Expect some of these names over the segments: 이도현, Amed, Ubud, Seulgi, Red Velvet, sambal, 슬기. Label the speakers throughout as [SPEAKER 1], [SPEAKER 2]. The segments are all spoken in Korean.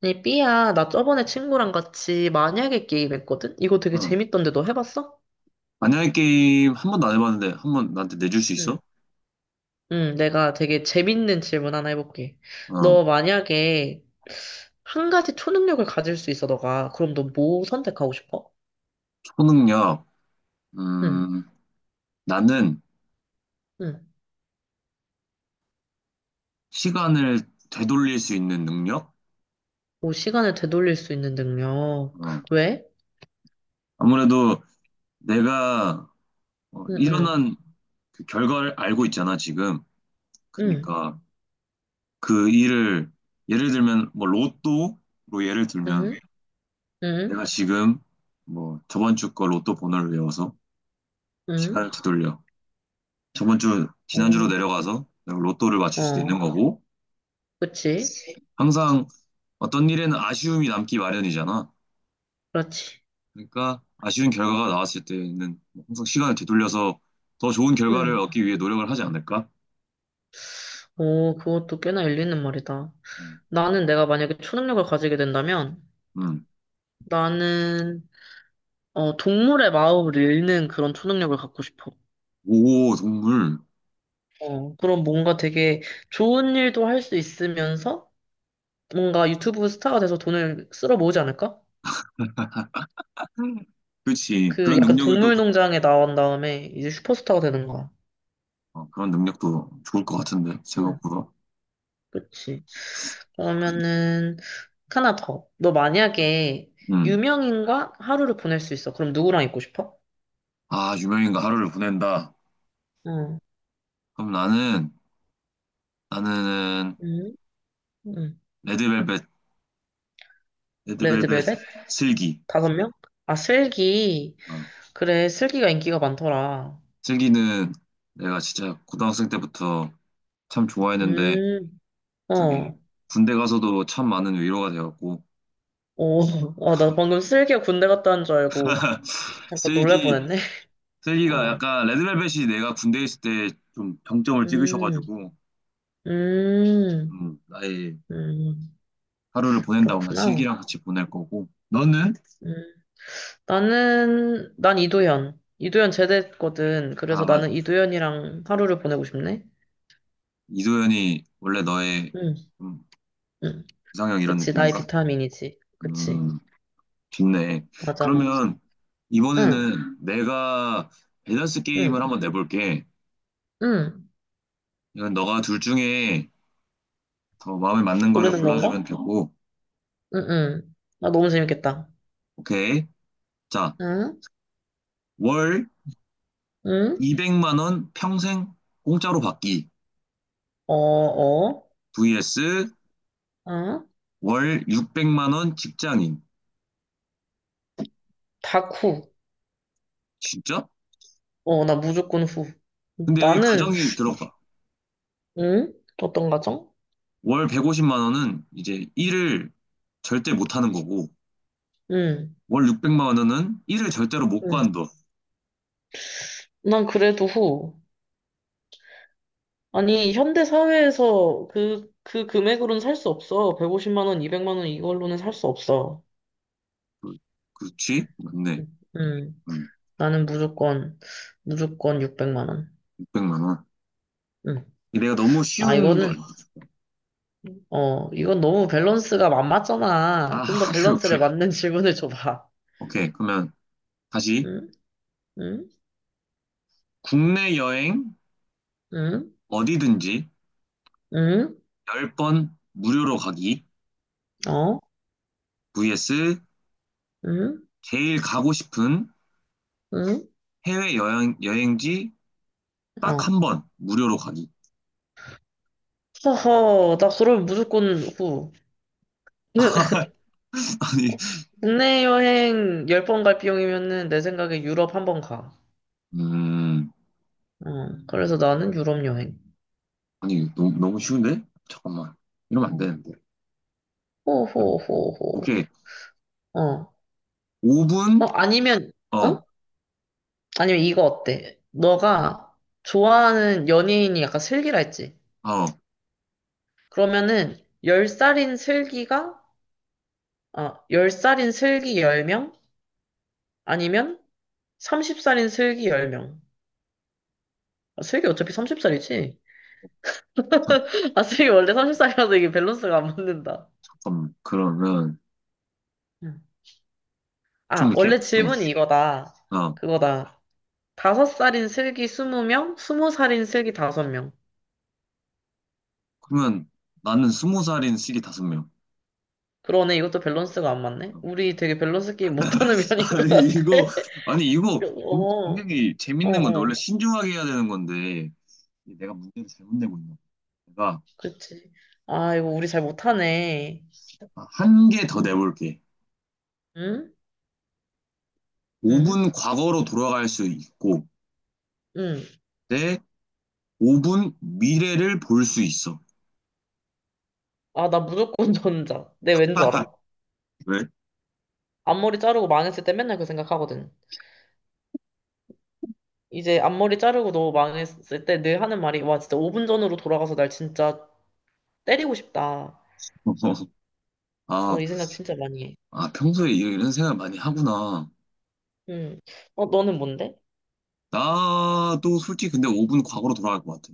[SPEAKER 1] 네, 삐야, 나 저번에 친구랑 같이 만약에 게임 했거든? 이거 되게
[SPEAKER 2] 어.
[SPEAKER 1] 재밌던데 너 해봤어?
[SPEAKER 2] 만약에 게임 한 번도 안 해봤는데 한 번 나한테 내줄 수
[SPEAKER 1] 응.
[SPEAKER 2] 있어?
[SPEAKER 1] 응, 내가 되게 재밌는 질문 하나 해볼게.
[SPEAKER 2] 어.
[SPEAKER 1] 너 만약에 한 가지 초능력을 가질 수 있어, 너가. 그럼 너 뭐 선택하고 싶어?
[SPEAKER 2] 초능력.
[SPEAKER 1] 응,
[SPEAKER 2] 음, 나는
[SPEAKER 1] 응.
[SPEAKER 2] 시간을 되돌릴 수 있는 능력?
[SPEAKER 1] 뭐 시간을 되돌릴 수 있는 능력.
[SPEAKER 2] 어.
[SPEAKER 1] 왜?
[SPEAKER 2] 아무래도 내가
[SPEAKER 1] 응, 응,
[SPEAKER 2] 일어난 그 결과를 알고 있잖아, 지금.
[SPEAKER 1] 응,
[SPEAKER 2] 그러니까 그 일을, 예를 들면 뭐 로또로, 예를 들면
[SPEAKER 1] 응, 응,
[SPEAKER 2] 내가 지금 뭐 저번 주 거 로또 번호를 외워서
[SPEAKER 1] 응.
[SPEAKER 2] 시간을 되돌려. 저번 주, 지난주로
[SPEAKER 1] 응.
[SPEAKER 2] 내려가서 내가 로또를
[SPEAKER 1] 어,
[SPEAKER 2] 맞출 수도
[SPEAKER 1] 어,
[SPEAKER 2] 있는 거고.
[SPEAKER 1] 그치?
[SPEAKER 2] 항상 어떤 일에는 아쉬움이 남기 마련이잖아.
[SPEAKER 1] 그렇지.
[SPEAKER 2] 그러니까 아쉬운 결과가 나왔을 때는 항상 시간을 되돌려서 더 좋은 결과를
[SPEAKER 1] 응.
[SPEAKER 2] 얻기 위해 노력을 하지 않을까?
[SPEAKER 1] 오, 그것도 꽤나 일리는 말이다.
[SPEAKER 2] 음.
[SPEAKER 1] 나는 내가 만약에 초능력을 가지게 된다면
[SPEAKER 2] 음.
[SPEAKER 1] 나는 동물의 마음을 읽는 그런 초능력을 갖고 싶어.
[SPEAKER 2] 오, 동물.
[SPEAKER 1] 어, 그럼 뭔가 되게 좋은 일도 할 수 있으면서 뭔가 유튜브 스타가 돼서 돈을 쓸어 모으지 않을까?
[SPEAKER 2] 그렇지.
[SPEAKER 1] 그
[SPEAKER 2] 그런
[SPEAKER 1] 약간
[SPEAKER 2] 능력을 또.
[SPEAKER 1] 동물농장에 나온 다음에 이제 슈퍼스타가 되는 거야.
[SPEAKER 2] 그런 능력도 좋을 것 같은데,
[SPEAKER 1] 응,
[SPEAKER 2] 생각보다.
[SPEAKER 1] 그치. 그러면은 하나 더. 너 만약에
[SPEAKER 2] 음.
[SPEAKER 1] 유명인과 하루를 보낼 수 있어. 그럼 누구랑 있고 싶어?
[SPEAKER 2] 아, 유명인과 하루를 보낸다.
[SPEAKER 1] 응,
[SPEAKER 2] 그럼 나는
[SPEAKER 1] 응, 응.
[SPEAKER 2] 레드벨벳 레드벨벳
[SPEAKER 1] 레드벨벳?
[SPEAKER 2] 슬기.
[SPEAKER 1] 다섯 명? 아, 슬기.
[SPEAKER 2] 어.
[SPEAKER 1] 그래, 슬기가 인기가 많더라.
[SPEAKER 2] 슬기는 내가 진짜 고등학생 때부터 참 좋아했는데,
[SPEAKER 1] 음,
[SPEAKER 2] 저기
[SPEAKER 1] 어.
[SPEAKER 2] 군대 가서도 참 많은 위로가 되었고.
[SPEAKER 1] 오, 어, 나 방금 슬기가 군대 갔다 온 줄 알고 잠깐 놀랄
[SPEAKER 2] 슬기
[SPEAKER 1] 뻔했네.
[SPEAKER 2] 슬기가
[SPEAKER 1] 어,
[SPEAKER 2] 약간, 레드벨벳이 내가 군대에 있을 때 좀 정점을
[SPEAKER 1] 음,
[SPEAKER 2] 찍으셔가지고,
[SPEAKER 1] 음,
[SPEAKER 2] 나의
[SPEAKER 1] 음,
[SPEAKER 2] 하루를 보낸다면 난
[SPEAKER 1] 그렇구나.
[SPEAKER 2] 슬기랑 같이 보낼 거고, 너는?
[SPEAKER 1] 음, 난 이도현. 이도현 제대했거든.
[SPEAKER 2] 아,
[SPEAKER 1] 그래서 나는
[SPEAKER 2] 맞아.
[SPEAKER 1] 이도현이랑 하루를 보내고 싶네.
[SPEAKER 2] 이도현이 원래 너의
[SPEAKER 1] 응,
[SPEAKER 2] 좀
[SPEAKER 1] 응.
[SPEAKER 2] 이상형 이런
[SPEAKER 1] 그치, 나의
[SPEAKER 2] 느낌인가?
[SPEAKER 1] 비타민이지. 그치.
[SPEAKER 2] 음. 좋네.
[SPEAKER 1] 맞아, 맞아.
[SPEAKER 2] 그러면
[SPEAKER 1] 응,
[SPEAKER 2] 이번에는 내가 밸런스 게임을
[SPEAKER 1] 응,
[SPEAKER 2] 한번 내볼게.
[SPEAKER 1] 응.
[SPEAKER 2] 이건 너가 둘 중에 더 마음에 맞는 거를
[SPEAKER 1] 고르는
[SPEAKER 2] 골라주면
[SPEAKER 1] 건가?
[SPEAKER 2] 되고.
[SPEAKER 1] 응, 응. 아, 너무 재밌겠다.
[SPEAKER 2] 오케이. 자.
[SPEAKER 1] 응?
[SPEAKER 2] 월
[SPEAKER 1] 응?
[SPEAKER 2] 200만 원 평생 공짜로 받기
[SPEAKER 1] 어, 어,
[SPEAKER 2] vs
[SPEAKER 1] 응?
[SPEAKER 2] 월 600만 원 직장인.
[SPEAKER 1] 다쿠.
[SPEAKER 2] 진짜?
[SPEAKER 1] 어, 나 무조건 후.
[SPEAKER 2] 근데 여기
[SPEAKER 1] 나는,
[SPEAKER 2] 가정이 들어가.
[SPEAKER 1] 응? 어떤 가정?
[SPEAKER 2] 월 150만 원은 이제 일을 절대 못 하는 거고,
[SPEAKER 1] 응,
[SPEAKER 2] 월 600만 원은 일을 절대로 못
[SPEAKER 1] 응.
[SPEAKER 2] 관둬.
[SPEAKER 1] 난 그래도 후. 아니, 현대 사회에서 그 금액으로는 살 수 없어. 150만 원, 200만 원 이걸로는 살 수 없어.
[SPEAKER 2] 그- 그렇지? 맞네.
[SPEAKER 1] 응, 응.
[SPEAKER 2] 음,
[SPEAKER 1] 나는 무조건 600만 원.
[SPEAKER 2] 600만 원.
[SPEAKER 1] 응.
[SPEAKER 2] 내가 너무
[SPEAKER 1] 아,
[SPEAKER 2] 쉬운
[SPEAKER 1] 이거는,
[SPEAKER 2] 걸.
[SPEAKER 1] 어, 이건 너무 밸런스가 안 맞잖아.
[SPEAKER 2] 아,
[SPEAKER 1] 좀 더
[SPEAKER 2] 오케이,
[SPEAKER 1] 밸런스를
[SPEAKER 2] 오케이.
[SPEAKER 1] 맞는 질문을 줘봐.
[SPEAKER 2] 오케이. 그러면 다시,
[SPEAKER 1] 응? 응?
[SPEAKER 2] 국내 여행
[SPEAKER 1] 응?
[SPEAKER 2] 어디든지
[SPEAKER 1] 응?
[SPEAKER 2] 10번 무료로 가기
[SPEAKER 1] 어?
[SPEAKER 2] vs
[SPEAKER 1] 응?
[SPEAKER 2] 제일 가고 싶은
[SPEAKER 1] 응?
[SPEAKER 2] 해외 여행, 여행지 딱 한
[SPEAKER 1] 어.
[SPEAKER 2] 번 무료로 가기.
[SPEAKER 1] 허허, 나 그럼 무조건 후.
[SPEAKER 2] 아니,
[SPEAKER 1] 어, 국내 여행 열 번 갈 비용이면은 내 생각에 유럽 한 번 가.
[SPEAKER 2] 음,
[SPEAKER 1] 어, 그래서 나는 유럽 여행.
[SPEAKER 2] 아니, 너무, 너무 쉬운데? 잠깐만. 이러면 안
[SPEAKER 1] 어,
[SPEAKER 2] 되는데.
[SPEAKER 1] 호호호호.
[SPEAKER 2] 오케이.
[SPEAKER 1] 어. 어,
[SPEAKER 2] 5분?
[SPEAKER 1] 아니면, 어?
[SPEAKER 2] 어,
[SPEAKER 1] 아니면 이거 어때? 너가 좋아하는 연예인이 약간 슬기라 했지?
[SPEAKER 2] 어,
[SPEAKER 1] 그러면은 10살인 슬기가, 어, 10살인 슬기 10명? 아니면 30살인 슬기 10명. 아, 슬기 어차피 30살이지? 아, 슬기 원래 30살이라서 이게 밸런스가 안 맞는다.
[SPEAKER 2] 잠깐만. 그러면
[SPEAKER 1] 응.
[SPEAKER 2] 좀
[SPEAKER 1] 아,
[SPEAKER 2] 이렇게,
[SPEAKER 1] 원래
[SPEAKER 2] 네.
[SPEAKER 1] 질문이 이거다.
[SPEAKER 2] 어,
[SPEAKER 1] 그거다. 5살인 슬기 20명, 20살인 슬기 5명.
[SPEAKER 2] 그러면 나는 20살인 시기 다섯 명.
[SPEAKER 1] 그러네, 이것도 밸런스가 안 맞네.
[SPEAKER 2] 어.
[SPEAKER 1] 우리 되게 밸런스 게임 못하는 면인 것
[SPEAKER 2] 아니,
[SPEAKER 1] 같아.
[SPEAKER 2] 이거, 아니, 이거
[SPEAKER 1] 어,
[SPEAKER 2] 굉장히
[SPEAKER 1] 어,
[SPEAKER 2] 재밌는 건데, 원래
[SPEAKER 1] 어.
[SPEAKER 2] 신중하게 해야 되는 건데, 내가 문제를 잘못 내고 있나? 내가
[SPEAKER 1] 그치. 아, 이거 우리 잘 못하네.
[SPEAKER 2] 한 개 더
[SPEAKER 1] 응,
[SPEAKER 2] 내볼게.
[SPEAKER 1] 응, 응,
[SPEAKER 2] 5분 과거로 돌아갈 수 있고,
[SPEAKER 1] 응.
[SPEAKER 2] 내 5분 미래를 볼 수 있어.
[SPEAKER 1] 아, 나 무조건 전자. 내 왠 줄 알아?
[SPEAKER 2] 왜?
[SPEAKER 1] 앞머리 자르고 망했을 때 맨날 그 생각하거든. 이제 앞머리 자르고 너무 망했을 때 늘 하는 말이 와 진짜 5분 전으로 돌아가서 날 진짜 때리고 싶다.
[SPEAKER 2] 아,
[SPEAKER 1] 어, 이 생각 진짜 많이 해.
[SPEAKER 2] 아, 평소에 이- 런 생각 많이 하구나.
[SPEAKER 1] 음. 어, 너는 뭔데?
[SPEAKER 2] 나도 솔직히 근데 5분 과거로 돌아갈 것 같아.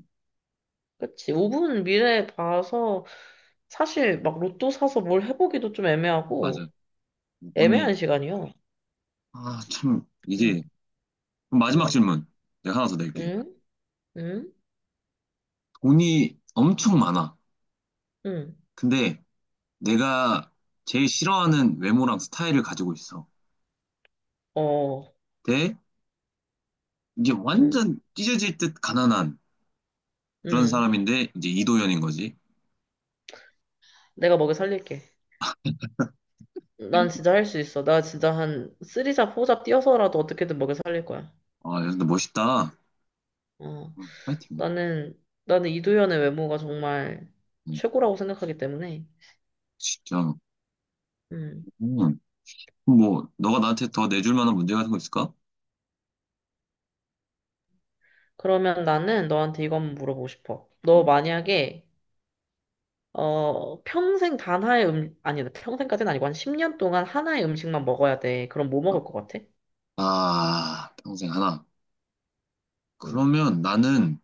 [SPEAKER 1] 그치. 5분 미래 봐서 사실 막 로또 사서 뭘 해보기도 좀
[SPEAKER 2] 맞아.
[SPEAKER 1] 애매하고
[SPEAKER 2] 5분이,
[SPEAKER 1] 애매한 시간이요.
[SPEAKER 2] 아, 참, 이게.
[SPEAKER 1] 음.
[SPEAKER 2] 그럼 마지막
[SPEAKER 1] 음.
[SPEAKER 2] 질문. 내가 하나 더 낼게.
[SPEAKER 1] 음. 음.
[SPEAKER 2] 돈이 엄청 많아.
[SPEAKER 1] 음.
[SPEAKER 2] 근데 내가 제일 싫어하는 외모랑 스타일을 가지고 있어.
[SPEAKER 1] 어.
[SPEAKER 2] 대. 이제
[SPEAKER 1] 음.
[SPEAKER 2] 완전 찢어질 듯 가난한 그런
[SPEAKER 1] 음.
[SPEAKER 2] 사람인데, 이제 이도현인 거지.
[SPEAKER 1] 내가 먹여 살릴게. 난 진짜 할 수 있어. 나 진짜 한 쓰리잡 포잡 뛰어서라도 어떻게든 먹여 살릴 거야.
[SPEAKER 2] 아, 야, 근데 멋있다.
[SPEAKER 1] 어.
[SPEAKER 2] 응, 파이팅.
[SPEAKER 1] 나는, 나는 이도현의 외모가 정말
[SPEAKER 2] 응,
[SPEAKER 1] 최고라고 생각하기 때문에.
[SPEAKER 2] 진짜.
[SPEAKER 1] 음.
[SPEAKER 2] 음, 뭐, 너가 나한테 더 내줄 만한 문제 같은 거 있을까?
[SPEAKER 1] 그러면 나는 너한테 이거 한번 물어보고 싶어. 너
[SPEAKER 2] 음,
[SPEAKER 1] 만약에, 어, 평생 단 하나의 아니, 평생까지는 아니고 한 10년 동안 하나의 음식만 먹어야 돼. 그럼 뭐
[SPEAKER 2] 아,
[SPEAKER 1] 먹을 것 같아?
[SPEAKER 2] 아, 평생 하나.
[SPEAKER 1] 음.
[SPEAKER 2] 그러면 나는,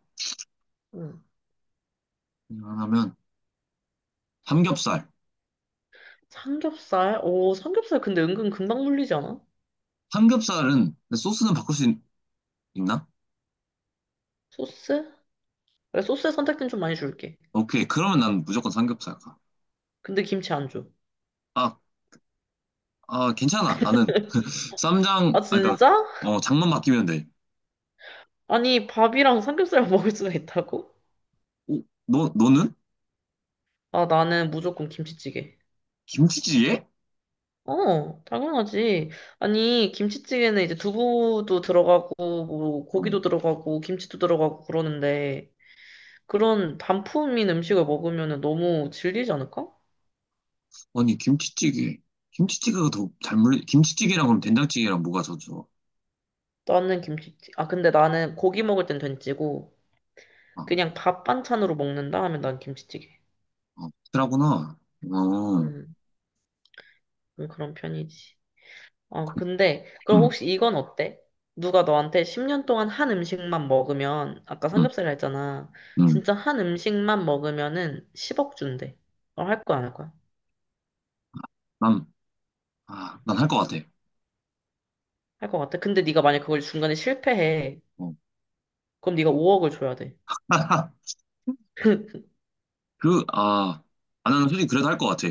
[SPEAKER 1] 음.
[SPEAKER 2] 그냥 하나면, 삼겹살.
[SPEAKER 1] 삼겹살? 오, 삼겹살 근데 은근 금방 물리지 않아?
[SPEAKER 2] 삼겹살은, 근데 소스는 바꿀 수 있, 나.
[SPEAKER 1] 소스? 그래, 소스의 선택지는 좀 많이 줄게.
[SPEAKER 2] 오케이. 그러면 난 무조건 삼겹살 가.
[SPEAKER 1] 근데 김치 안 줘.
[SPEAKER 2] 아, 아, 괜찮아. 나는 쌈장,
[SPEAKER 1] 아,
[SPEAKER 2] 아, 그니까,
[SPEAKER 1] 진짜?
[SPEAKER 2] 장만 바뀌면 돼.
[SPEAKER 1] 아니, 밥이랑 삼겹살 먹을 수가 있다고?
[SPEAKER 2] 오, 너는?
[SPEAKER 1] 아, 나는 무조건 김치찌개.
[SPEAKER 2] 김치찌개?
[SPEAKER 1] 어, 당연하지. 아니, 김치찌개는 이제 두부도 들어가고, 뭐,
[SPEAKER 2] 어,
[SPEAKER 1] 고기도 들어가고, 김치도 들어가고 그러는데, 그런 단품인 음식을 먹으면 너무 질리지 않을까?
[SPEAKER 2] 아니, 김치찌개. 김치찌개가 더 잘 물리, 김치찌개랑 그럼 된장찌개랑 뭐가 더 좋아?
[SPEAKER 1] 나는 김치찌개. 아, 근데 나는 고기 먹을 땐 된찌고,
[SPEAKER 2] 아,
[SPEAKER 1] 그냥 밥 반찬으로 먹는다 하면 난 김치찌개.
[SPEAKER 2] 아, 싫어하구나. 어,
[SPEAKER 1] 음, 그런 편이지. 어, 근데, 그럼
[SPEAKER 2] 음,
[SPEAKER 1] 혹시 이건 어때? 누가 너한테 10년 동안 한 음식만 먹으면, 아까
[SPEAKER 2] 음,
[SPEAKER 1] 삼겹살 했잖아.
[SPEAKER 2] 음.
[SPEAKER 1] 진짜 한 음식만 먹으면은 10억 준대. 그럼 할 거야, 안 할 거야?
[SPEAKER 2] 난, 난 할 것 같아.
[SPEAKER 1] 할 거 같아. 근데 네가 만약 그걸 중간에 실패해.
[SPEAKER 2] 어.
[SPEAKER 1] 그럼 네가 5억을 줘야 돼.
[SPEAKER 2] 그, 아, 나는 솔직히 그래도 할 것 같아.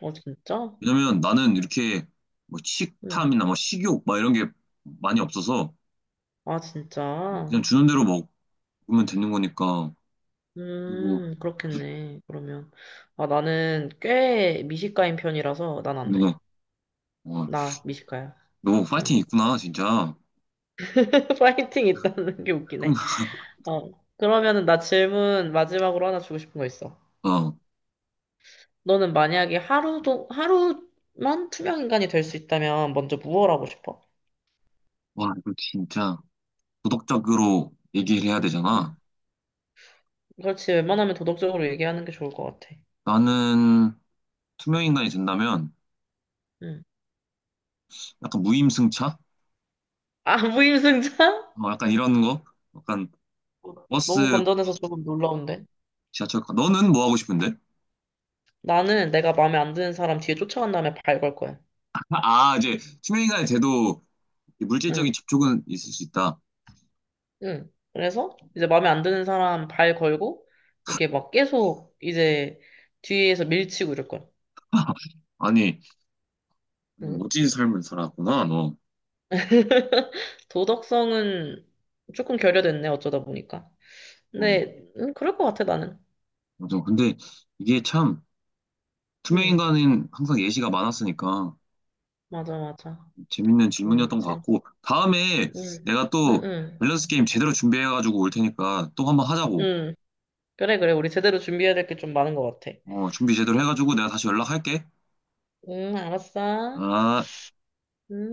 [SPEAKER 1] 어, 진짜?
[SPEAKER 2] 왜냐면 나는 이렇게 뭐
[SPEAKER 1] 응.
[SPEAKER 2] 식탐이나 뭐 식욕 막 이런 게 많이 없어서,
[SPEAKER 1] 아,
[SPEAKER 2] 그냥
[SPEAKER 1] 진짜?
[SPEAKER 2] 주는 대로 먹으면 되는 거니까. 그리고,
[SPEAKER 1] 그렇겠네. 그러면. 아, 나는 꽤 미식가인 편이라서 난 안 돼.
[SPEAKER 2] 누가, 어,
[SPEAKER 1] 나 미식가야.
[SPEAKER 2] 너 파이팅
[SPEAKER 1] 응.
[SPEAKER 2] 있구나, 진짜.
[SPEAKER 1] 파이팅 있다는 게
[SPEAKER 2] 그럼,
[SPEAKER 1] 웃기네. 어. 그러면은 나 질문 마지막으로 하나 주고 싶은 거 있어.
[SPEAKER 2] 어,
[SPEAKER 1] 너는 만약에 하루도, 하루만 투명 인간이 될 수 있다면 먼저 무얼 하고 싶어?
[SPEAKER 2] 와, 이거 진짜 도덕적으로 얘기를 해야 되잖아.
[SPEAKER 1] 응. 그렇지. 웬만하면 도덕적으로 얘기하는 게 좋을 것 같아.
[SPEAKER 2] 나는 투명인간이 된다면
[SPEAKER 1] 응.
[SPEAKER 2] 약간 무임승차?
[SPEAKER 1] 아, 무임승차?
[SPEAKER 2] 뭐 약간 이런 거? 약간
[SPEAKER 1] 어,
[SPEAKER 2] 버스,
[SPEAKER 1] 너무 건전해서 조금 놀라운데.
[SPEAKER 2] 지하철, 너는 뭐 하고 싶은데?
[SPEAKER 1] 나는 내가 마음에 안 드는 사람 뒤에 쫓아간 다음에 발 걸 거야.
[SPEAKER 2] 아, 이제 투명인간이 돼도
[SPEAKER 1] 응.
[SPEAKER 2] 물질적인 접촉은 있을 수 있다.
[SPEAKER 1] 응. 그래서 이제 마음에 안 드는 사람 발 걸고 이렇게 막 계속 이제 뒤에서 밀치고 이럴 거야.
[SPEAKER 2] 아니, 아니,
[SPEAKER 1] 응.
[SPEAKER 2] 멋진 삶을 살았구나, 너.
[SPEAKER 1] 도덕성은 조금 결여됐네, 어쩌다 보니까.
[SPEAKER 2] 어,
[SPEAKER 1] 근데, 그럴 것 같아, 나는.
[SPEAKER 2] 맞아. 근데 이게 참,
[SPEAKER 1] 음,
[SPEAKER 2] 투명인간은 항상 예시가 많았으니까
[SPEAKER 1] 맞아, 맞아.
[SPEAKER 2] 재밌는 질문이었던 것
[SPEAKER 1] 재밌,
[SPEAKER 2] 같고, 다음에
[SPEAKER 1] 음,
[SPEAKER 2] 내가
[SPEAKER 1] 음,
[SPEAKER 2] 또
[SPEAKER 1] 음.
[SPEAKER 2] 밸런스 게임 제대로 준비해가지고 올 테니까 또 한번 하자고.
[SPEAKER 1] 음. 그래, 그래. 우리 제대로 준비해야 될 게 좀 많은 것 같아.
[SPEAKER 2] 어, 준비 제대로 해가지고 내가 다시 연락할게.
[SPEAKER 1] 알았어.
[SPEAKER 2] 아.
[SPEAKER 1] 음.